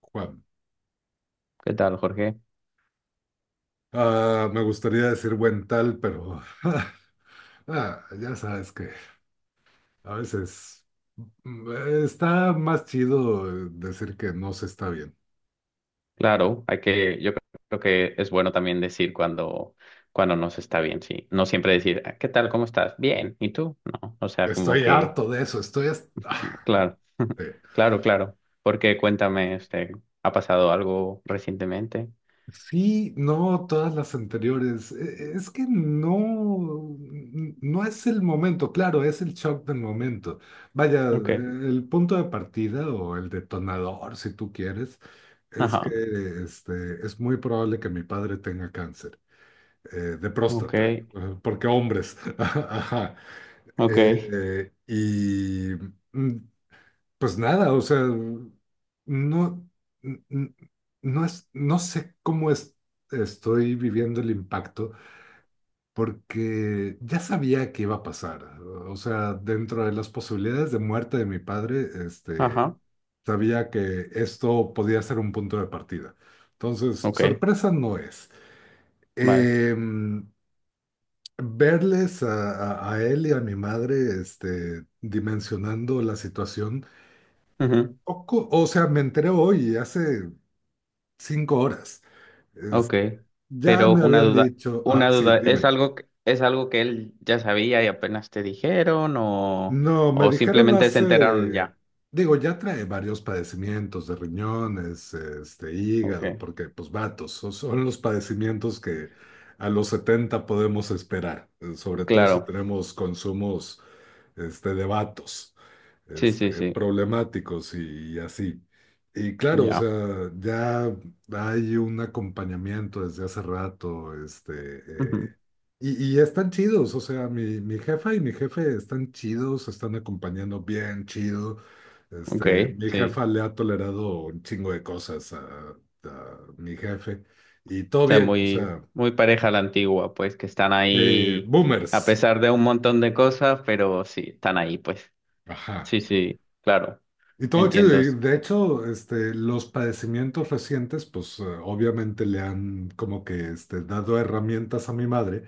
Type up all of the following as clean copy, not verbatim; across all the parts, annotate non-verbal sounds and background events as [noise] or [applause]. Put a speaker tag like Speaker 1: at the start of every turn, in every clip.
Speaker 1: Juan.
Speaker 2: ¿Qué tal, Jorge?
Speaker 1: Me gustaría decir buen tal, pero [laughs] ya sabes que a veces mm, está más chido decir que no se está bien.
Speaker 2: Claro, hay que, yo creo que es bueno también decir cuando, cuando no se está bien, sí. No siempre decir, "Ah, ¿qué tal? ¿Cómo estás? Bien. ¿Y tú?" No. O sea, como
Speaker 1: Estoy
Speaker 2: que,
Speaker 1: harto de eso,
Speaker 2: [laughs] claro, [laughs]
Speaker 1: sí.
Speaker 2: claro. Porque cuéntame, ¿ha pasado algo recientemente?
Speaker 1: Sí, no, todas las anteriores. Es que no, no es el momento, claro, es el shock del momento. Vaya,
Speaker 2: Ok.
Speaker 1: el punto de partida o el detonador, si tú quieres, es que
Speaker 2: Ajá.
Speaker 1: es muy probable que mi padre tenga cáncer de
Speaker 2: Ok.
Speaker 1: próstata, porque hombres. [laughs] Ajá.
Speaker 2: Ok.
Speaker 1: Y mm, pues nada, o sea, no, n- n- no es, no sé cómo es, estoy viviendo el impacto, porque ya sabía que iba a pasar. O sea, dentro de las posibilidades de muerte de mi padre,
Speaker 2: Ajá.
Speaker 1: sabía que esto podía ser un punto de partida. Entonces,
Speaker 2: Ok.
Speaker 1: sorpresa no es.
Speaker 2: Vale.
Speaker 1: Em, Verles a él y a mi madre, dimensionando la situación.
Speaker 2: Ujú.
Speaker 1: Poco, o sea, me enteré hoy, hace 5 horas. Es-
Speaker 2: Ok,
Speaker 1: ya
Speaker 2: pero
Speaker 1: me habían dicho,
Speaker 2: una
Speaker 1: sí,
Speaker 2: duda,
Speaker 1: dime.
Speaker 2: es algo que él ya sabía y apenas te dijeron,
Speaker 1: No, me
Speaker 2: o
Speaker 1: dijeron
Speaker 2: simplemente se enteraron
Speaker 1: hace,
Speaker 2: ya?
Speaker 1: digo, ya trae varios padecimientos de riñones,
Speaker 2: Ok,
Speaker 1: hígado, porque pues vatos, son los padecimientos que a los 70 podemos esperar, sobre todo si
Speaker 2: claro,
Speaker 1: tenemos consumos, de vatos,
Speaker 2: sí, sí, sí,
Speaker 1: problemáticos y así. Y claro, o
Speaker 2: ya,
Speaker 1: sea, ya hay un acompañamiento desde hace rato, eh,
Speaker 2: ujú.
Speaker 1: y están chidos, o sea, mi jefa y mi jefe están chidos, están acompañando bien chido.
Speaker 2: Ok,
Speaker 1: Mi
Speaker 2: sí,
Speaker 1: jefa le ha tolerado un chingo de cosas a mi jefe y todo
Speaker 2: o sea,
Speaker 1: bien, o
Speaker 2: muy,
Speaker 1: sea,
Speaker 2: muy pareja la antigua, pues que están ahí a
Speaker 1: boomers.
Speaker 2: pesar de un montón de cosas, pero sí, están ahí, pues,
Speaker 1: Ajá.
Speaker 2: sí, sí, claro,
Speaker 1: Y todo chido.
Speaker 2: entiendo,
Speaker 1: Y de hecho, los padecimientos recientes, pues obviamente le han como que dado herramientas a mi madre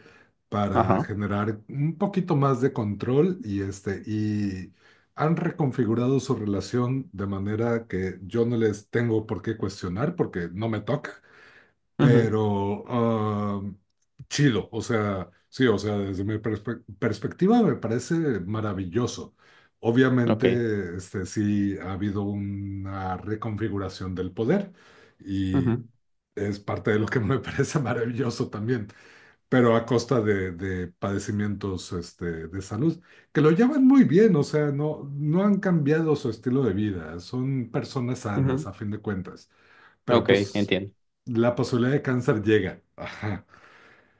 Speaker 1: para
Speaker 2: ajá,
Speaker 1: generar un poquito más de control y, y han reconfigurado su relación de manera que yo no les tengo por qué cuestionar porque no me toca,
Speaker 2: ujú,
Speaker 1: pero chido, o sea, sí, o sea, desde mi perspectiva me parece maravilloso.
Speaker 2: Ok,
Speaker 1: Obviamente, este sí ha habido una reconfiguración del poder y
Speaker 2: ujú,
Speaker 1: es parte de lo que me [laughs] parece maravilloso también, pero a costa de padecimientos, de salud, que lo llevan muy bien, o sea, no, no han cambiado su estilo de vida, son personas sanas a
Speaker 2: ujú,
Speaker 1: fin de cuentas, pero
Speaker 2: Ok,
Speaker 1: pues
Speaker 2: entiendo.
Speaker 1: la posibilidad de cáncer llega. Ajá.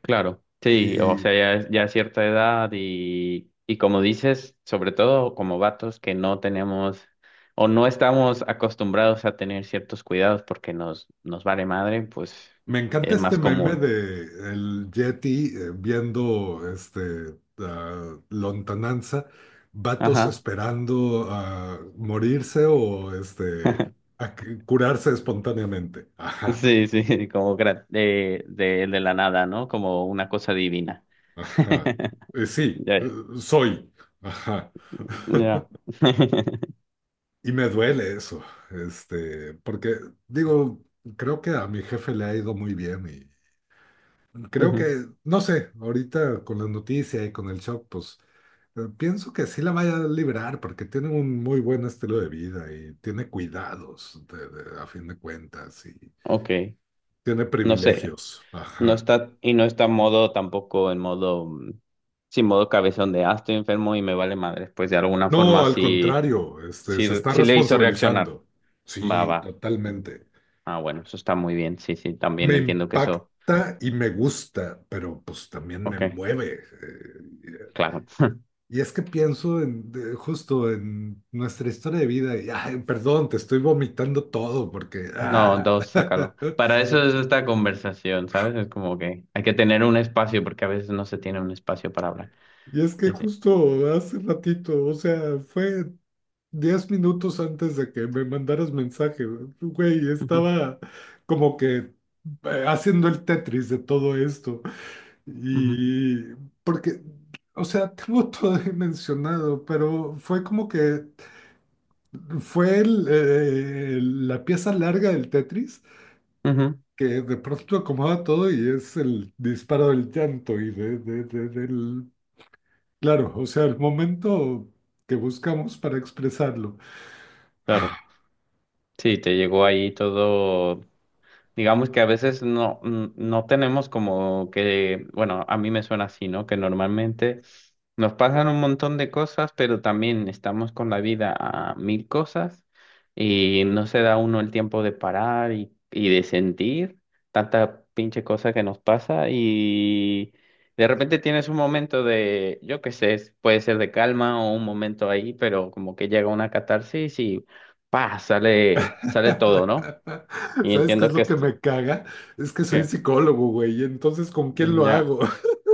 Speaker 2: Claro, sí, o sea,
Speaker 1: Y
Speaker 2: ya, es- ya a cierta edad y como dices, sobre todo como vatos que no tenemos o no estamos acostumbrados a tener ciertos cuidados porque nos, nos vale madre, pues
Speaker 1: me encanta
Speaker 2: es
Speaker 1: este
Speaker 2: más
Speaker 1: meme
Speaker 2: común.
Speaker 1: de el Yeti viendo lontananza, vatos
Speaker 2: Ajá.
Speaker 1: esperando a morirse o este
Speaker 2: [laughs]
Speaker 1: curarse espontáneamente. Ajá,
Speaker 2: Sí, sí, como gra- de la nada, ¿no? Como una cosa divina.
Speaker 1: ajá.
Speaker 2: [laughs]
Speaker 1: Sí,
Speaker 2: Ya,
Speaker 1: soy. Ajá.
Speaker 2: ya.
Speaker 1: [laughs]
Speaker 2: [laughs]
Speaker 1: Y me duele eso, porque digo, creo que a mi jefe le ha ido muy bien. Creo
Speaker 2: Ujú.
Speaker 1: que, no sé, ahorita con las noticias y con el shock, pues pienso que sí la vaya a liberar porque tiene un muy buen estilo de vida y tiene cuidados a fin de cuentas y
Speaker 2: Ok,
Speaker 1: tiene
Speaker 2: no sé.
Speaker 1: privilegios.
Speaker 2: No
Speaker 1: Ajá.
Speaker 2: está, y no está en modo, tampoco en modo, sí, modo cabezón de, ah, estoy enfermo y me vale madre. Pues de alguna
Speaker 1: No,
Speaker 2: forma
Speaker 1: al
Speaker 2: sí,
Speaker 1: contrario,
Speaker 2: sí,
Speaker 1: se está
Speaker 2: sí le hizo reaccionar.
Speaker 1: responsabilizando.
Speaker 2: Va,
Speaker 1: Sí,
Speaker 2: va. Mm.
Speaker 1: totalmente.
Speaker 2: Ah, bueno, eso está muy bien. Sí, sí, también
Speaker 1: Me
Speaker 2: entiendo que eso.
Speaker 1: impacta y me gusta, pero pues también me
Speaker 2: Ok,
Speaker 1: mueve. eh,
Speaker 2: claro.
Speaker 1: Y es que pienso en, justo en nuestra historia de vida y, ay, perdón, te estoy vomitando todo porque...
Speaker 2: No,
Speaker 1: ah.
Speaker 2: dos, sácalo.
Speaker 1: [laughs]
Speaker 2: Para eso es esta conversación, ¿sabes? Es como que hay que tener un espacio porque a veces no se tiene un espacio para hablar.
Speaker 1: Y es que
Speaker 2: Sí, sí.
Speaker 1: justo hace ratito, o sea, fue 10 minutos antes de que me mandaras mensaje, güey,
Speaker 2: Ujú,
Speaker 1: estaba como que haciendo el Tetris de todo esto.
Speaker 2: ujú,
Speaker 1: Y porque, o sea, [laughs] tengo todo dimensionado, pero fue como que fue la pieza larga del Tetris
Speaker 2: ujú.
Speaker 1: que de pronto acomoda todo y es el disparo del llanto y del... Claro, o sea, el momento que buscamos para expresarlo.
Speaker 2: Claro. Sí, te llegó ahí todo. Digamos que a veces no, no tenemos como que, bueno, a mí me suena así, ¿no? Que normalmente nos pasan un montón de cosas, pero también estamos con la vida a mil cosas y no se da uno el tiempo de parar y de sentir tanta pinche cosa que nos pasa y de repente tienes un momento de, yo qué sé, es- puede ser de calma o un momento ahí, pero como que llega una catarsis y ¡pa! Sale, sale todo, ¿no?
Speaker 1: [laughs]
Speaker 2: Y
Speaker 1: ¿Sabes qué
Speaker 2: entiendo
Speaker 1: es
Speaker 2: que
Speaker 1: lo
Speaker 2: es.
Speaker 1: que me caga? Es que soy
Speaker 2: ¿Qué?
Speaker 1: psicólogo, güey, y entonces, ¿con quién
Speaker 2: Mm,
Speaker 1: lo
Speaker 2: ya.
Speaker 1: hago? [laughs]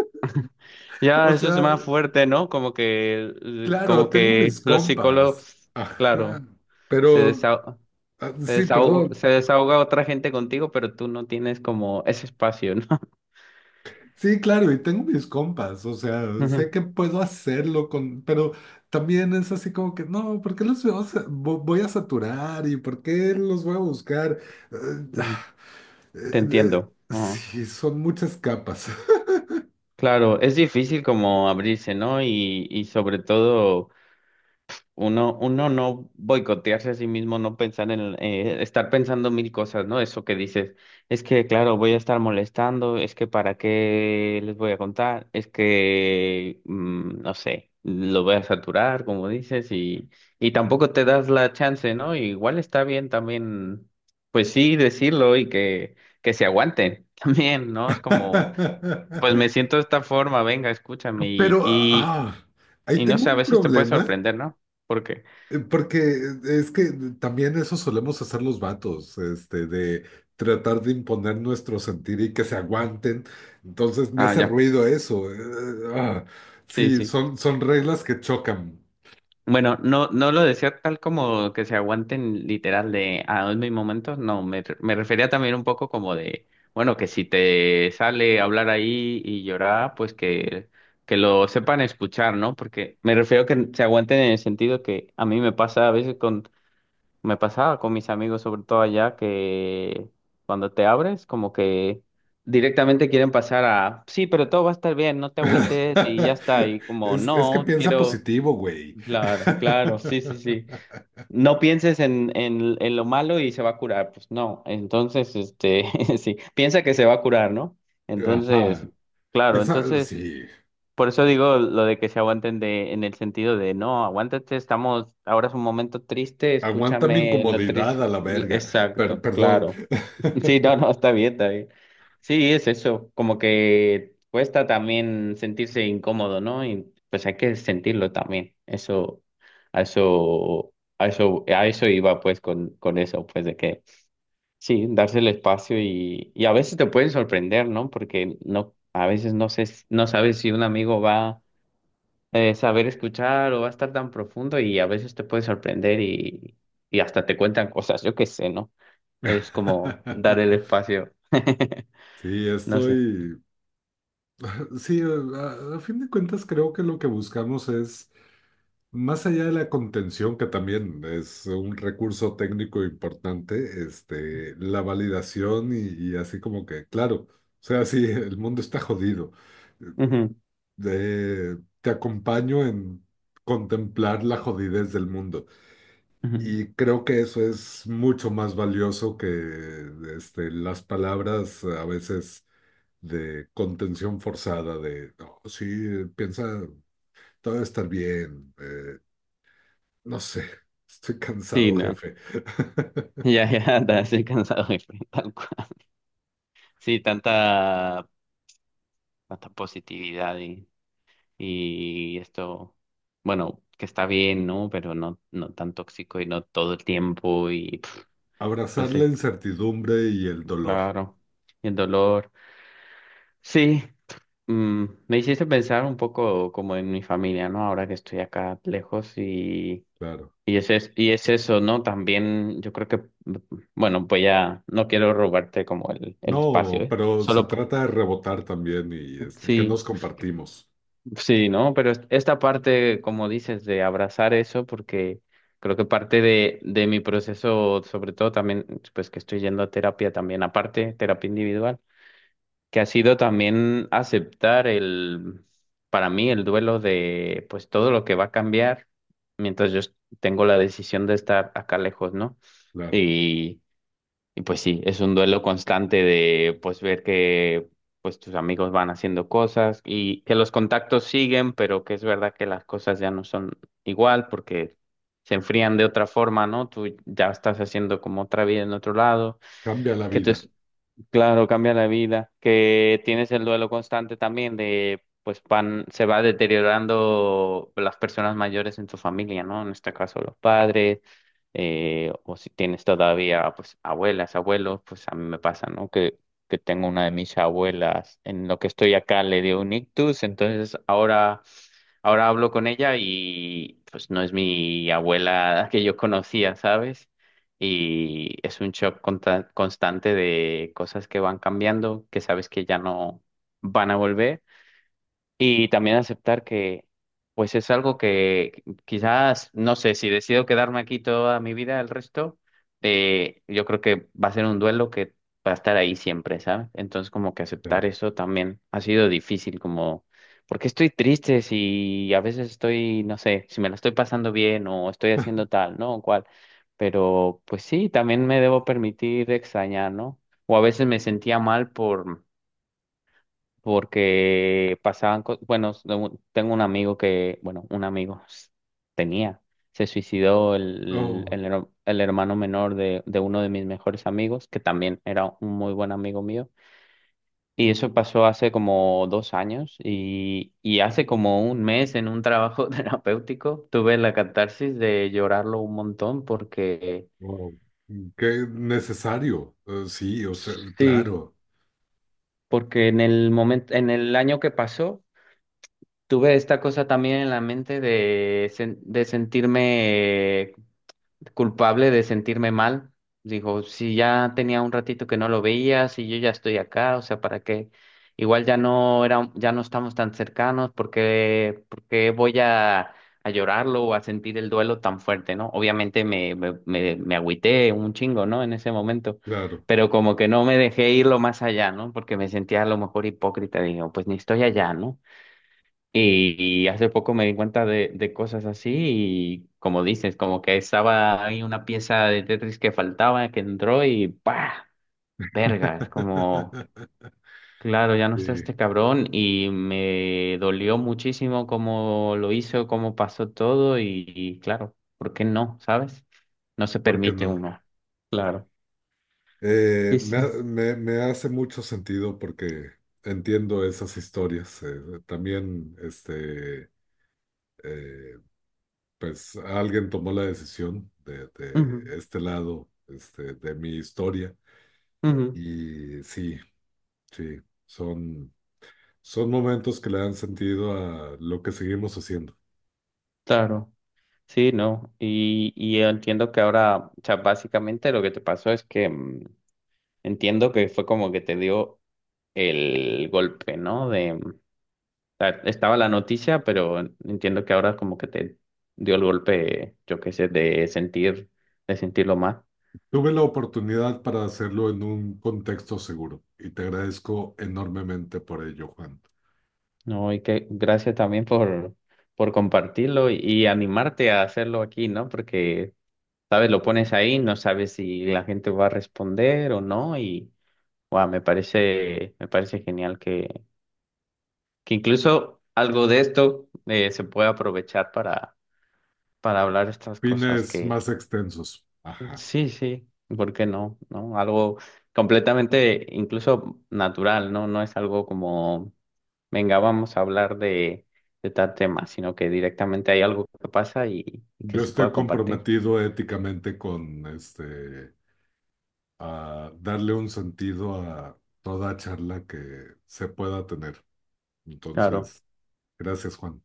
Speaker 2: Ya,
Speaker 1: O
Speaker 2: eso es
Speaker 1: sea,
Speaker 2: más fuerte, ¿no? Como que, l- como
Speaker 1: claro, tengo
Speaker 2: que
Speaker 1: mis
Speaker 2: los
Speaker 1: compas.
Speaker 2: psicólogos,
Speaker 1: Ajá,
Speaker 2: claro, se
Speaker 1: pero...
Speaker 2: desahoga, se
Speaker 1: sí, perdón.
Speaker 2: desahoga, se desahoga otra gente contigo, pero tú no tienes como ese espacio, ¿no? [laughs]
Speaker 1: Sí, claro, y tengo mis compas, o sea, sé
Speaker 2: Ujú.
Speaker 1: que puedo hacerlo con, pero también es así como que, no, ¿por qué los voy voy a saturar y por qué los voy a buscar? Eh, ah,
Speaker 2: Ujú. Te entiendo. Ajá.
Speaker 1: sí, son muchas capas.
Speaker 2: Claro, es difícil como abrirse, ¿no? Y sobre todo. Uno, uno no boicotearse a sí mismo, no pensar en, estar pensando mil cosas, ¿no? Eso que dices, es que, claro, voy a estar molestando, es que para qué les voy a contar, es que, no sé, lo voy a saturar, como dices, y tampoco te das la chance, ¿no? Igual está bien también, pues sí, decirlo y que se aguanten [laughs] también, ¿no? Es como, pues me
Speaker 1: [laughs]
Speaker 2: siento de esta forma, venga, escúchame,
Speaker 1: Pero ahí
Speaker 2: y no
Speaker 1: tengo
Speaker 2: sé, a
Speaker 1: un
Speaker 2: veces te puede
Speaker 1: problema.
Speaker 2: sorprender, ¿no? Porque
Speaker 1: Porque es que también eso solemos hacer los vatos, de tratar de imponer nuestro sentir y que se aguanten. Entonces me
Speaker 2: ah,
Speaker 1: hace
Speaker 2: ya.
Speaker 1: ruido eso. Ah,
Speaker 2: Sí,
Speaker 1: sí,
Speaker 2: sí.
Speaker 1: son, son reglas que chocan.
Speaker 2: Bueno, no, no lo decía tal como que se aguanten literal de a mis momentos. No, me, re- me refería también un poco como de, bueno, que si te sale hablar ahí y llorar, pues que lo sepan escuchar, ¿no? Porque me refiero que se aguanten en el sentido que a mí me pasa a veces con, me pasaba con mis amigos, sobre todo allá, que cuando te abres, como que directamente quieren pasar a, sí, pero todo va a estar bien, no te agüites y ya
Speaker 1: [laughs]
Speaker 2: está. Y como,
Speaker 1: Es que
Speaker 2: no,
Speaker 1: piensa
Speaker 2: quiero.
Speaker 1: positivo, güey.
Speaker 2: Claro, claro, sí, sí,
Speaker 1: [laughs]
Speaker 2: sí. No pienses en lo malo y se va a curar, pues no. Entonces, [laughs] sí, piensa que se va a curar, ¿no? Entonces,
Speaker 1: Ajá.
Speaker 2: claro,
Speaker 1: Esa,
Speaker 2: entonces,
Speaker 1: sí.
Speaker 2: por eso digo lo de que se aguanten de, en el sentido de, no, aguántate, estamos, ahora es un momento triste,
Speaker 1: Aguanta mi
Speaker 2: escúchame lo
Speaker 1: incomodidad
Speaker 2: triste.
Speaker 1: a la verga.
Speaker 2: Exacto,
Speaker 1: Perdón.
Speaker 2: claro. Sí, no,
Speaker 1: [laughs]
Speaker 2: no, está bien, está bien. Sí, es eso, como que cuesta también sentirse incómodo, ¿no? Y pues hay que sentirlo también. Eso, a eso iba pues con eso, pues de que sí, darse el espacio y a veces te pueden sorprender, ¿no? Porque no, a veces no sé, s- no sabes si un amigo va a saber escuchar o va a estar tan profundo y a veces te puede sorprender y hasta te cuentan cosas, yo qué sé, ¿no? Es como dar el espacio. [laughs]
Speaker 1: Sí,
Speaker 2: No sé.
Speaker 1: estoy. Sí, a fin de cuentas creo que lo que buscamos es, más allá de la contención, que también es un recurso técnico importante, la validación y así como que, claro, o sea, sí, el mundo está jodido.
Speaker 2: Ujú,
Speaker 1: De, te acompaño en contemplar la jodidez del mundo.
Speaker 2: ujú.
Speaker 1: Y creo que eso es mucho más valioso que las palabras a veces de contención forzada, de, "No, sí, piensa. Todo va a estar bien. No sé, [laughs] estoy
Speaker 2: Sí,
Speaker 1: cansado,
Speaker 2: no.
Speaker 1: jefe. [laughs]
Speaker 2: Ya, ya, [laughs] ya estoy cansado, [laughs] jefe, tal cual. Sí, tanta, tanta positividad y esto, bueno, que está bien, ¿no? Pero no, no tan tóxico y no todo el tiempo y pf,
Speaker 1: Abrazar
Speaker 2: pues
Speaker 1: la incertidumbre y el dolor,
Speaker 2: claro, y el dolor. Sí, me hiciste pensar un poco como en mi familia, ¿no? Ahora que estoy acá lejos.
Speaker 1: claro.
Speaker 2: Y es- y es eso, ¿no? También yo creo que, mm, bueno, voy a, no quiero robarte como el espacio,
Speaker 1: No,
Speaker 2: ¿eh?
Speaker 1: pero se
Speaker 2: Solo, po-
Speaker 1: trata de rebotar también y que
Speaker 2: sí,
Speaker 1: nos compartimos,
Speaker 2: sí, ¿no? Pero es- esta parte, como dices, de abrazar eso, porque creo que parte de mi proceso, sobre todo también, pues que estoy yendo a terapia también, aparte, terapia individual, que ha sido también aceptar el, para mí, el duelo de, pues todo lo que va a cambiar mientras yo tengo la decisión de estar acá lejos, ¿no?
Speaker 1: claro.
Speaker 2: Y y pues sí, es un duelo constante de pues ver que pues tus amigos van haciendo cosas y que los contactos siguen, pero que es verdad que las cosas ya no son igual porque se enfrían de otra forma, ¿no? Tú ya estás haciendo como otra vida en otro lado,
Speaker 1: Cambia la
Speaker 2: que
Speaker 1: vida,
Speaker 2: tus Claro, cambia la vida, que tienes el duelo constante también de, pues van, se va deteriorando las personas mayores en tu familia, ¿no? En este caso los padres, o si tienes todavía, pues abuelas, abuelos, pues a mí me pasa, ¿no? Que tengo una de mis abuelas, en lo que estoy acá le dio un ictus, entonces ahora, ahora hablo con ella y pues no es mi abuela [laughs] que yo conocía, ¿sabes? Y es un shock conta- constante de cosas que van cambiando, que sabes que ya no van a volver y también aceptar que, pues es algo que quizás, no sé, si decido quedarme aquí toda mi vida, el resto, yo creo que va a ser un duelo que va a estar ahí siempre, ¿sabes? Entonces, como que aceptar
Speaker 1: claro.
Speaker 2: eso también ha sido difícil, como, porque estoy triste si a veces estoy, no sé, si me la estoy pasando bien o estoy haciendo tal, ¿no? O cual. Pero, pues sí, también me debo permitir extrañar, ¿no? O a veces me sentía mal por porque pasaban cosas, bueno, s- tengo un amigo que, bueno, un amigo s- tenía, se suicidó
Speaker 1: Oh,
Speaker 2: el, her- el hermano menor de uno de mis mejores amigos, que también era un muy buen amigo mío, y eso pasó hace como dos años, y hace como un mes en un trabajo [laughs] terapéutico tuve la catarsis de llorarlo un montón porque,
Speaker 1: wow, qué necesario. Sí, o sea,
Speaker 2: sí,
Speaker 1: claro,
Speaker 2: porque en el momento, en el año que pasó, tuve esta cosa también en la mente de, sen- de sentirme culpable, de sentirme mal. Digo, si ya tenía un ratito que no lo veía, si yo ya estoy acá, o sea, ¿para qué? Igual ya no era, ya no estamos tan cercanos, porque, porque voy a llorarlo o a sentir el duelo tan fuerte, ¿no? Obviamente me, me agüité un chingo, ¿no? En ese momento.
Speaker 1: claro.
Speaker 2: Pero como que no me dejé irlo más allá, ¿no? Porque me sentía a lo mejor hipócrita. Digo, pues ni estoy allá, ¿no? Y hace poco me di cuenta de cosas así y como dices, como que estaba ahí una pieza de Tetris que faltaba, que entró y ¡pah! Verga, es como,
Speaker 1: [laughs]
Speaker 2: claro, ya no
Speaker 1: Sí,
Speaker 2: está este cabrón y me dolió muchísimo cómo lo hizo, cómo pasó todo y claro, ¿por qué no? ¿Sabes? No se
Speaker 1: ¿por qué
Speaker 2: permite
Speaker 1: no?
Speaker 2: uno. Claro. Sí, sí.
Speaker 1: Me hace mucho sentido porque entiendo esas historias. También, eh, pues alguien tomó la decisión
Speaker 2: Ujú,
Speaker 1: de este lado, de mi historia.
Speaker 2: ujú,
Speaker 1: Y sí, sí, son, son momentos que le dan sentido a lo que seguimos haciendo.
Speaker 2: claro. Sí, no. Y entiendo que ahora, o sea, básicamente lo que te pasó es que... entiendo que fue como que te dio el golpe, ¿no? De, o sea, estaba la noticia, pero entiendo que ahora como que te dio el golpe, yo qué sé, de sentir, de sentirlo más,
Speaker 1: Tuve la oportunidad para hacerlo en un contexto seguro y te agradezco enormemente por ello, Juan.
Speaker 2: ¿no? Y que gracias también por compartirlo y animarte a hacerlo aquí, ¿no? Porque, sabes, lo pones ahí, no sabes si la gente va a responder o no, y, wow, me parece genial que incluso algo de esto se puede aprovechar para hablar estas cosas
Speaker 1: Fines
Speaker 2: que
Speaker 1: más extensos. Ajá.
Speaker 2: sí, sí, ¿por qué no? ¿No? Algo completamente incluso natural, ¿no? No es algo como, venga, vamos a hablar de tal tema, sino que directamente hay algo que pasa y que
Speaker 1: Yo
Speaker 2: se pueda
Speaker 1: estoy
Speaker 2: compartir.
Speaker 1: comprometido éticamente con a darle un sentido a toda charla que se pueda tener.
Speaker 2: Claro,
Speaker 1: Entonces, gracias, Juan.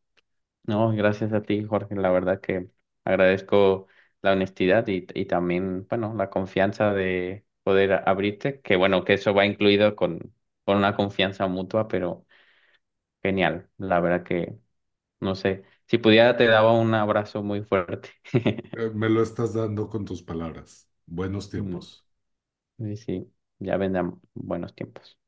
Speaker 2: no, gracias a ti, Jorge, la verdad que agradezco la honestidad y también, bueno, la confianza de poder abrirte, que bueno, que eso va incluido con una confianza mutua, pero genial, la verdad que... No sé, si pudiera te daba un abrazo muy fuerte.
Speaker 1: Me lo estás dando con tus palabras. Buenos tiempos.
Speaker 2: [laughs] Sí, sí, ya vendrán buenos tiempos.